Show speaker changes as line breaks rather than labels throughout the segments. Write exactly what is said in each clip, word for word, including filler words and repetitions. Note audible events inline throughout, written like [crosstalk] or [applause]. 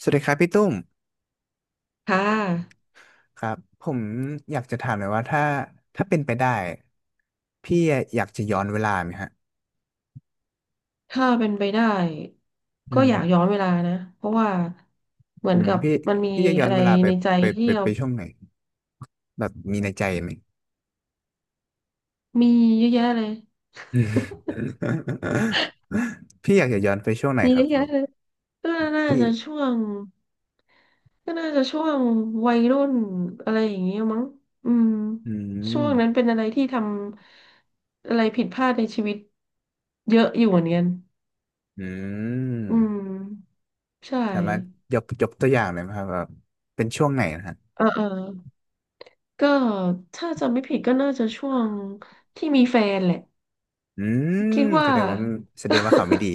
สวัสดีครับพี่ตุ้ม
ค่ะ
ครับผมอยากจะถามหน่อยว่าถ้าถ้าเป็นไปได้พี่อยากจะย้อนเวลาไหมฮะ
ถ้าเป็นไปได้
อื
ก็
ม
อยากย้อนเวลานะ เพราะว่าเหมือ
อื
น
ม
กับ
พี่
มันมี
พี่จะย้อ
อะ
น
ไร
เวลาไป
ในใจ
ไป
ที่
ไป
เรา
ไปช่วงไหนแบบมีในใจไหม
มีเยอะแยะเลย
อืม [laughs] พี่อยากจะย้อนไปช่วงไหน
มี
ค
เย
รับ
อะแยะเลยก็น่า
พี่
จะช่วงก็น่าจะช่วงวัยรุ่นอะไรอย่างเงี้ยมั้งอืม
อื
ช่วงนั้นเป็
ม
นอะไรที่ทำอะไรผิดพลาดในชีวิตเยอะอยู่เหมือนกัน
อื
อืม
ม
ใช
สามารถ
่
ยกยกตัวอย่างหน่อยไหมครับว่าเป็นช่วงไหนนะฮะ
เออเออก็ถ้าจำไม่ผิดก็น่าจะช่วงที่มีแฟนแหละ
อืม
คิด
แส
ว่า
ดงว่าแสดงว่าเขาไม่ดี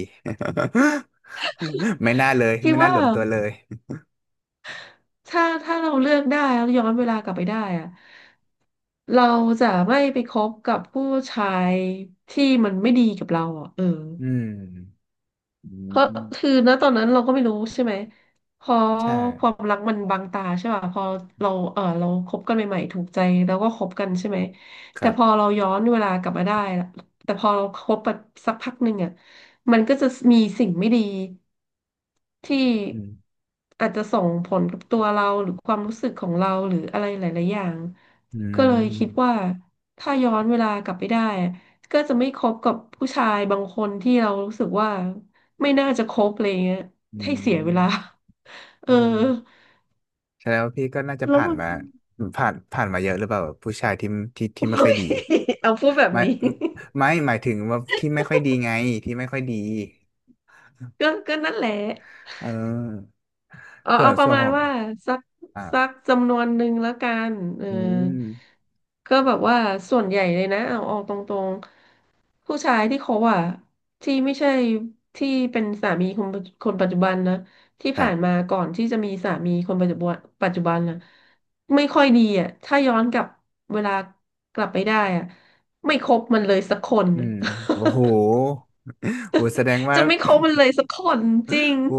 [laughs] ไม่น่าเลย
คิด
ไม่น่า
ว่า
รวมตัวเลย
ถ้าถ้าเราเลือกได้แล้วย้อนเวลากลับไปได้อะเราจะไม่ไปคบกับผู้ชายที่มันไม่ดีกับเราอ่ะเออ
อืมอื
ก็คือ
ม
ณตอนนั้นเราก็ไม่รู้ใช่ไหมพอ
ใช่
ความรักมันบังตาใช่ป่ะพอเราเออเราคบกันใหม่ๆถูกใจแล้วก็คบกันใช่ไหม
ค
แต่
รั
พอ
บ
เราย้อนเวลากลับมาได้ละแต่พอเราคบไปสักพักหนึ่งอ่ะมันก็จะมีสิ่งไม่ดีที่
อืม
อาจจะส่งผลกับตัวเราหรือความรู้สึกของเราหรืออะไรหลายๆอย่าง
อื
ก็เลยคิด
ม
ว่าถ้าย้อนเวลากลับไปได้ก็จะไม่คบกับผู้ชายบางคนที่เรารู้สึกว่า ไม่น่าจะครบอะไรเงี้ย
อื
ให้เสียเว
ม
ลาเอ
อืม
อ
แสดงว่าพี่ก็น่าจะ
แล้ว
ผ่าน
มัน
มาผ่านผ่านมาเยอะหรือเปล่าแบบผู้ชายที่ที่ที่ไม่ค่อยดี
[laughs] เอาพูดแบบ
ไม่
นี้
ไม่หมายถึงว่าที่ไม่ค่อยดีไงที่ไม่ค่อยดี
ก็ก็นั่นแหละ
เออ
เอา
ส่ว
เอา
น
ป
ส่
ระ
วน
มา
ข
ณ
อง
ว่าสัก
อ่า
สักจำนวนหนึ่งแล้วกันเออ
อืม
ก็แบบว่าส่วนใหญ่เลยนะเอาออกตรงๆผู้ชายที่เขาอะที่ไม่ใช่ที่เป็นสามีคนปัจคนปัจจุบันนะที่
ครั
ผ่าน
บ
มาก่อนที่จะมีสามีคนปัจจุบันปัจจุบันนะไม่ค่อยดีอะถ้าย้อนกลับเวลากลับไปได้อะไม่คบมันเลยสักคน
อืมโอ้โหโอ้แสดง
[laughs]
ว่า
จะไม่คบมันเลยสักคนจริง
โอ้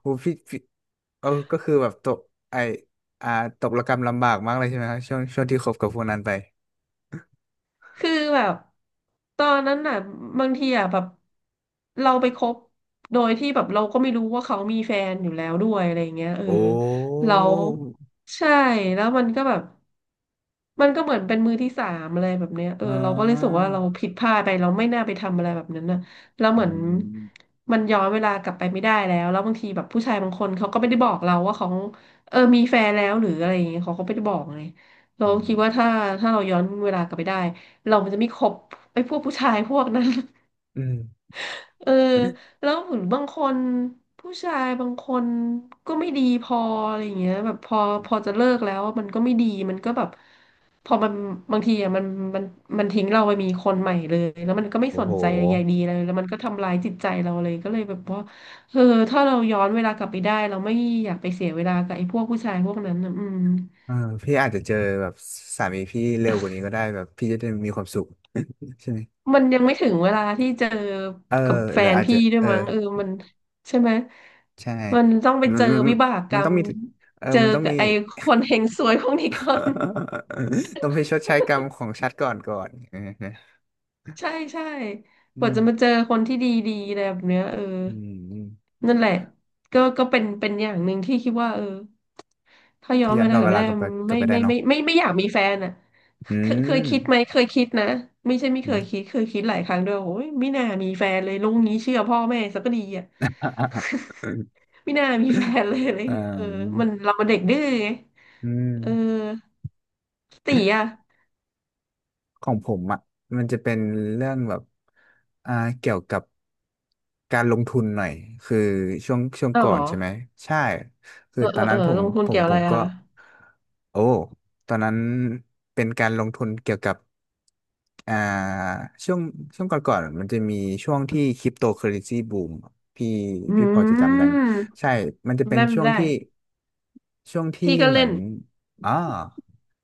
โหพี่พี่เออก็คือแบบตกไออ่าตกระกำลำบากมากเลยใช่ไหมครับช่วงช่วงที่คบกับพวกนั้นไป
คือแบบตอนนั้นน่ะบางทีอ่ะแบบเราไปคบโดยที่แบบเราก็ไม่รู้ว่าเขามีแฟนอยู่แล้วด้วยอะไรอย่างเงี้ยเออ
โอ้
เราใช่แล้วมันก็แบบ มันก็เหมือนเป็นมือที่สามอะไรแบบเนี้ยเออ
อ่
เราก็เลยรู้สึก
า
ว่าเราผิดพลาดไปเราไม่น่าไปทำอะไรแบบนั้นนะแล้วเห
อื
มือน
ม
มันย้อนเวลากลับไปไม่ได้แล้วแล้วบางทีแบบผู้ชายบางคนเขาก็ไม่ได้บอกเราว่าเขาเออมีแฟนแล้วหรืออะไรอย่างเงี้ยเขาก็ไม่ได้บอกไงเรา
อืม
คิดว่า
[laughs]
ถ้าถ้าเราย้อนเวลากลับไปได้เรามันจะไม่คบไอ้พวกผู้ชายพวกนั้น
อืม
เออแล้วเหมือนบางคนผู้ชายบางคนก็ไม่ดีพออะไรอย่างเงี้ยแบบพอพอจะเลิกแล้วมันก็ไม่ดีมันก็แบบพอมันบางทีอ่ะมันมันมันทิ้งเราไปมีคนใหม่เลยแล้วมันก็ไม่
โอ้
ส
โห
นใจใยดีเลยแล้วมันก็ทำรายจิตใจเราเลยก็เลยแบบว่าเออถ้าเราย้อนเวลากลับไปได้เราไม่อยากไปเสียเวลากับไอ้พวกผู้ชายพวกนั้นนะอืม
เออพี่อาจจะเจอแบบสามีพี่เร็วกว่านี้ก็ได้แบบพี่จะได้มีความสุขใช่ไหม
มันยังไม่ถึงเวลาที่เจอ
เออ
กับแฟ
หรือ
น
อาจจะ
พี่ด้วย
เออ
มั้งเออมันใช่ไหม
ใช่
มันต้องไป
มัน
เจอ
มัน
วิบากก
มั
ร
นต้
ร
อง
ม
มีเออ
เจอ
มันต้อง
กับ
มี
ไอ้คนเฮงซวยพวกนี้ก่อน
[laughs] ต้องไปชดใช้กรรมของชาติก่อนก่อนเออ
[laughs] ใช่ใช่ก
อื
ว่า
ม
จะมาเจอคนที่ดีๆอะไรแบบเนี้ยเออ
อืมอืม
นั่นแหละก็ก็เป็นเป็นอย่างหนึ่งที่คิดว่าเออถ้าย้
ถ้า
อน
ย้อ
เว
นก
ลา
ลับ
กลับ
เว
ไป
ลา
ได้
กลับไปกลับ
ไม่
ไปได้
ไม่
เนาะ
ไม่ไม่ไม่ไม่อยากมีแฟนอ่ะ
อื
เคยเคย
ม
คิดไหมเคยคิดนะไม่ใช่ไม่
อื
เคยคิ
ม
ดเคยคิดหลายครั้งด้วยโอ้ยไม่น่ามีแฟนเลยลุงนี้เชื่อพ่อแม่ซะก็ดีอ่ะ
[laughs]
ไม่น่ามีแฟนเลยอะไร
อ่
เงี้ยเออ
า
มันเรามันเด็กดื้อไง
อื
เออ
ม
ตีอ่ะ
ของผมอ่ะมันจะเป็นเรื่องแบบอ่าเกี่ยวกับการลงทุนหน่อยคือช่วงช่วง
เอ้า
ก่อ
เหร
น
อ
ใช่ไหมใช่คือ
เออ
ต
เอ
อ
อ
น
เอ
นั้
อ
นผม
ลงทุ
ผ
น
ม
เกี่ยว
ผ
อะไร
มก็
อ่ะ
โอ้ตอนนั้นเป็นการลงทุนเกี่ยวกับอ่าช่วงช่วงก่อนๆมันจะมีช่วงที่คริปโตเคอเรนซีบูมพี่
อื
พี่พอจะจำได้ไหม
ม
ใช่มันจะเป็น
ได้
ช่วง
ได้
ที่ช่วงที่
พี่ก็
เหมื
เล่
อน
น
อ๋อ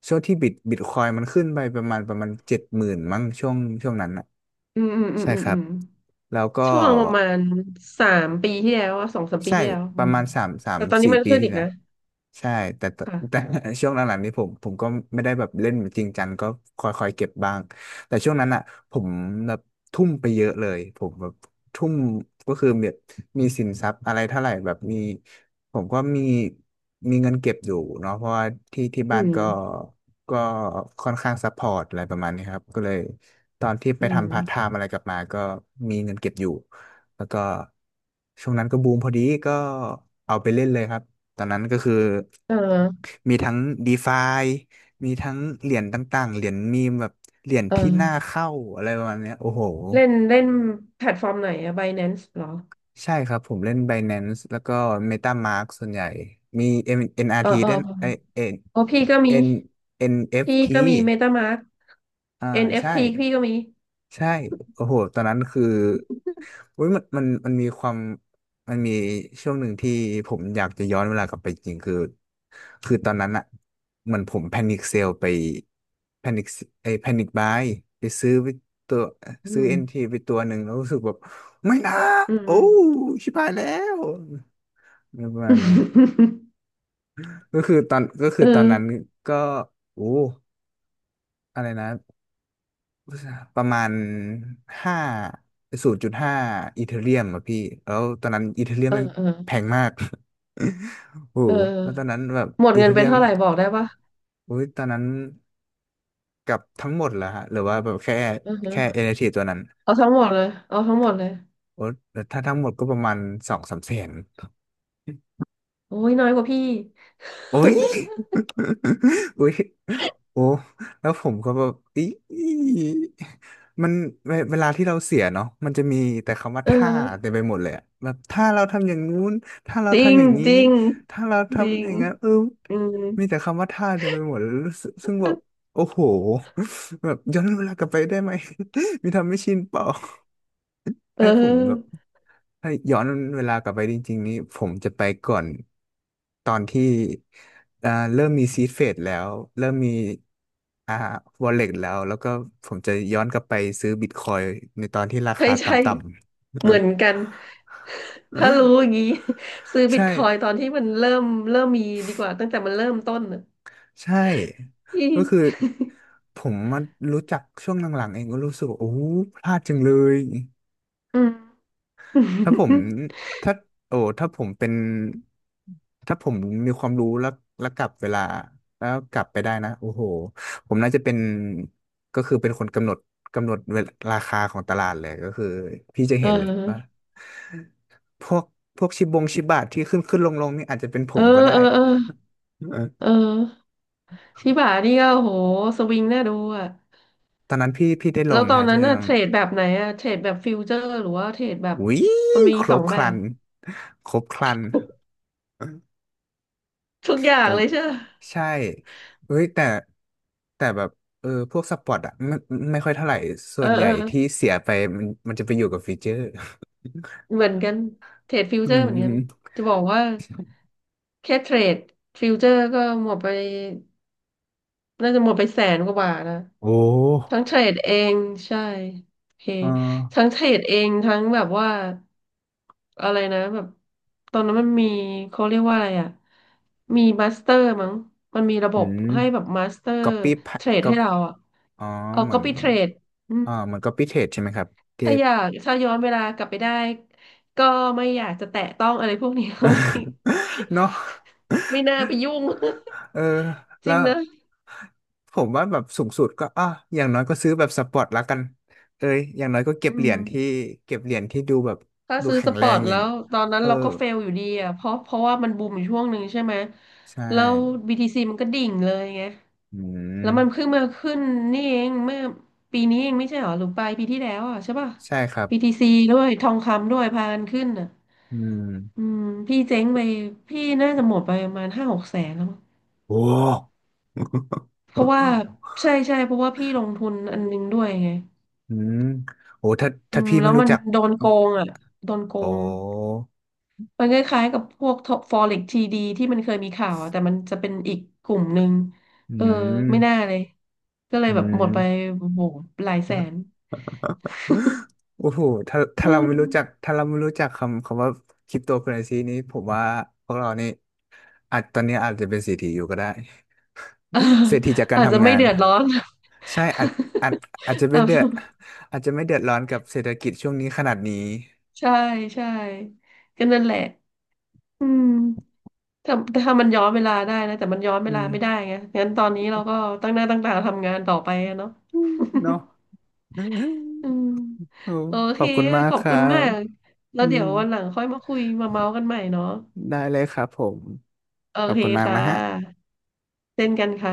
ช่วงที่บิตบิตคอยมันขึ้นไปประมาณประมาณเจ็ดหมื่นมั้งช่วงช่วงนั้นอ่ะ
อืมอืมอืม
ใช่
อืม
ครั
อื
บ
ม
แล้วก็
ช่วงประมาณสามปีที่แล้วอะสองสามปี
ใช่
ที่แล้ว
ป
อื
ระ
ม
มาณสามสาม
แต่ตอนนี้
สี่
มัน
ปี
ขึ้น
ที่
อีก
แล้ว
นะ
ใช่แต่ตแต่
ค่ะ
[laughs] ช่วงหลังๆนี้ผมผมก็ไม่ได้แบบเล่นจริงจังก็คอยๆเก็บบ้างแต่ช่วงนั้นอ่ะผมแบบทุ่มไปเยอะเลยผมแบบทุ่มก็คือแบบมีสินทรัพย์อะไรเท่าไหร่แบบมีผมก็มีมีเงินเก็บอยู่เนาะเพราะว่าที่ที่
อื
บ้าน
ม
ก็ก็ค่อนข้างซัพพอร์ตอะไรประมาณนี้ครับก็เลยตอนที่ไป
อืม
ทำพาร์ทไทม์อะไรกลับมาก็มีเงินเก็บอยู่ แล้วก็ช่วงนั้นก็บูมพอดีก็เอาไปเล่นเลยครับตอนนั้นก็คือ
เออ
มีทั้ง DeFi มีทั้งเหรียญต่างๆเหรียญมีมแบบเหรียญ
เอ
ที่น่า
อ
เข้าอะไรประมาณเนี้ยโอ้โห
เล่นเล่นแพลตฟอร์มไหนอะ ไบแนนซ์ เหรอ
ใช่ครับผมเล่น Binance แล้วก็ MetaMask ส่วนใหญ่มีเอ็มเอ็นอาร n
เออ
ที
เออ
ด้วยไอเอ็
เออพี่ก็มี
น N เอ็น เอฟ ที อนเอฟ
พี่
ที
ก็มี เมต้ามาสก์
อ่าใช่
เอ็น เอฟ ที พี่ก็มี
ใช่โอ้โหตอนนั้นคือ อุ้ยมันมันมันมีความมันมีช่วงหนึ่งที่ผมอยากจะย้อนเวลากลับไปจริงคือคือตอนนั้นอะเหมือนผมแพนิคเซลไปแพนิคไอแพนิคบายไปซื้อไปตัว
อื
ซื้อเอ็น
ม
ทีไปตัวหนึ่งแล้วรู้สึกแบบไม่นะ
อืม
โอ้ชิบหายแล้วประมาณนี้ก็คือตอนก็คือ
เออ
ตอนนั้นก็โอ้อะไรนะ ประมาณห้าศูนย์จุดห้าอีเธเรียมอะพี่แล้วตอนนั้นอีเธเรียม
เออ
แม่ง
เออ
แพงมาก [laughs] โอ้
เอ
โหแล้วตอนนั้
อ
นแบบ
หมด
อี
เงิ
เธ
นไป
เรียม
เท่าไหร่บอกได้ปะ
โอ้ยตอนนั้นกับทั้งหมดเหรอฮะหรือว่าแบบแค่
อือ
แค่
ฮะ
เอเนทีตัวนั้น
เอาทั้งหมดเลยเอาทั้งหมดเลย
โอ้แต่ถ้าทั้งหมดก็ประมาณสองสามแสน
โอ้ยน้อยกว่าพี่
โอ้ย [laughs] โอ้ยโอ้แล้วผมก็แบบอีมันเวเวลาที่เราเสียเนาะมันจะมีแต่คำว่า
เอ
ถ้าเต็ม
อ
ไปหมดเลยอะแบบถ้าเราทำอย่างนู้นถ้าเรา
จริง
ทำอย่างนี้
จริง
ถ้าเรา
จริ
ทำ
ง
อย่างนั้นเออ
อืม
มีแต่คำว่าถ้าเต็มไปหมดเลยรู้สึกซึ่งแบบโอ้โหแบบย้อนเวลากลับไปได้ไหม [laughs] มีทำไม่ชินเปล่า
เ
ให้ผมแบบ
ออ
ถ้าย้อนเวลากลับไปจริงๆนี้ผมจะไปก่อนตอนที่อ่าเริ่มมีซีดเฟดแล้วเริ่มมีอ่าวอลเล็ตแล้วแล้วก็ผมจะย้อนกลับไปซื้อบิตคอยน์ในตอนที่รา
ใช่
คาต
ใช่
่ำ
เหมือนกัน
ๆ
ถ้ารู้อย่างนี้ [laughs] ซื้อ
[laughs]
บิต
ใช่
คอยน์ตอนที่มันเริ่มเริ่มมีดีกว่าตั้งแต่มันเริ่มต้นน่ะ
ใช่
พี่
ก็คือผมมารู้จักช่วงหลังๆเองก็รู้สึกว่าโอ้พลาดจังเลย
อืม
ถ้าผม
[laughs]
ถ้าโอ้ถ้าผมเป็นถ้าผมมีความรู้แล้วแล้วกลับเวลาแล้วกลับไปได้นะโอ้โหผมน่าจะเป็นก็คือเป็นคนกำหนดกำหนดเวลาราคาของตลาดเลยก็คือพี่จะ
เอ
เห็นเลยว่า
อ
พวกพวกชิบงชิบะที่ขึ้นขึ้นลงลงนี่อาจจะเป็นผ
เออ
มก็ได้
เออ เออ
เออ
เออ ชิบะนี่ก็โหสวิงน่าดูอ่ะ
ตอนนั้นพี่พี่ได้ล
แล้ว
ง
ตอ
นะ
น
ฮะ
นั้
เรื่
น
อ
น่ะ
ง
เทรดแบบไหนอ่ะเทรดแบบฟิวเจอร์หรือว่าเทรดแบบ
อุ้ย
มันมี
คร
สอ
บ
ง
ค
แบ
รั
บ
นครบครัน
ทุกอย่า
ผ
ง
ม
เลยเชื่อ
ใช่เฮ้ยแต่แต่แบบเออพวกสปอร์ตอ่ะไม่ไม่ค่อยเท่าไหร่ส่
เอ
ว
อ
นให
เอ
ญ่
อ
ที่เสียไปมันมันจะไปอยู่กับฟีเจอร์
เหมือนกันเทรดฟิว
อื
เจอ
ม
ร์เหมือน
อื
กั
ม
นจะบอกว่าแค่เทรดฟิวเจอร์ก็หมดไป น่าจะหมดไปแสนกว่าบาทนะ
โอ้
ทั้งเทรดเองใช่โอเค
เออ
ทั้งเทรดเองทั้งแบบว่าอะไรนะแบบตอนนั้นมันมีเขาเรียกว่าอะไรอ่ะมีมาสเตอร์มั้งมันมีระบ
อื
บ
ม
ให้แบบมาสเตอร์
ก๊อปปี้
เทรด
ก็
ให้เราอ่ะ
อ๋อ
เอา
เหมื
ก็
อน
ไปเทรดอืม
อ่าเหมือนก๊อปปี้เทรดใช่ไหมครับที่
ถ้าอยากถ้าย้อนเวลากลับไปได้ก็ไม่อยากจะแตะต้องอะไรพวกนี้ [laughs] ไม่
[laughs] เนาะ
ไม่น่าไปยุ่ง
เออ
[laughs] จ
แล้
ริง
ว
นะ
ผมว่าแบบสูงสุดก็อ่ะอย่างน้อยก็ซื้อแบบสปอร์ตละกันเอ้ยอย่างน้อยก็เก็บ
อื
เหรียญที่
ม
เก็บเหรียญที่ดูแบบ
ถ้า
ดู
ซื้อ
แข็
ส
ง
ป
แร
อร์
ง
ต
อ
แล้
ย่าง
วตอนนั้น
เออ
เราก็เฟลอยู่ดีอ่ะเพราะเพราะว่ามันบูมอยู่ช่วงหนึ่งใช่ไหม
ใช่
แล้ว บี ที ซี มันก็ดิ่งเลยไง
อื
แล้
ม
วมันเพิ่งมาขึ้นนี่เองเมื่อปีนี้เองไม่ใช่เหรอหรือปลายปีที่แล้วอ่ะใช่ป่ะ
ใช่ครับ
บี ที ซี ด้วยทองคำด้วยพากันขึ้นอ่ะ
อื
อื
ม
มพี่เจ๊งไปพี่น่าจะหมดไปประมาณห้าหกแสนแล้วมั้ง
โอ้
เพราะว่า
[laughs]
ใช่ใช่เพราะว่าพี่ลงทุนอันนึงด้วยไง
อืมโอ้ถ้า
อื
ถ้า
ม
พี่
แล้
ไม่
ว
รู้
มัน
จัก
โดนโกงอ่ะโดนโก
โอ้
ง มันคล้ายๆกับพวกฟอเร็กทีดีที่มันเคยมีข่าวอะแต่มันจะเป็นอีกกลุ่มหนึ่ง
อื
เออ
ม
ไม่น่าเลยก็เลย
อื
แบบหมดไป
ม
โอ้โหหลายแสน
โอ้โหถ้าถ้า
อื
เราไม่รู้จัก
ม
ถ้าเราไม่รู้จักคำคำว่าคริปโตเคอเรนซีนี้ผมว่าพวกเรานี่อาจตอนนี้อาจจะเป็นเศรษฐีอยู่ก็ได้
เออ
[laughs] เศรษฐีจาก
[laughs]
การ
อาจจะ
ทำ
ไม่
งาน
เดือดร้อน
ใช่อาจอาจอาจจะ
[laughs] อ่
ไม่เดือดอาจจะไม่เดือดร้อนกับเศรษฐกิจช่วงนี้ขนาดนี้
ะใช่ใช่ก็นั่นแหละอืมถ้าถ้ามันย้อนเวลาได้นะแต่มันย้อนเว
อื
ลา
ม
ไม่ได้ไงงั้นตอนนี้เราก็ตั้งหน้าตั้งตาทำงานต่อไปอะเนาะ
เนาะ
[laughs] อื
[laughs]
ม
โอ้
โอ
ข
เค
อบคุณมา
ข
ก
อบ
ครั
คุณมา
บ
กแล้
อื
วเดี๋
ม
ยววันหลังค่อยมาคุยมาเมาส์กันใหม่เนาะ
ได้เลยครับผม
โอ
ขอบ
เค
คุณมาก
ค่
นะฮะ
ะเช่นกันค่ะ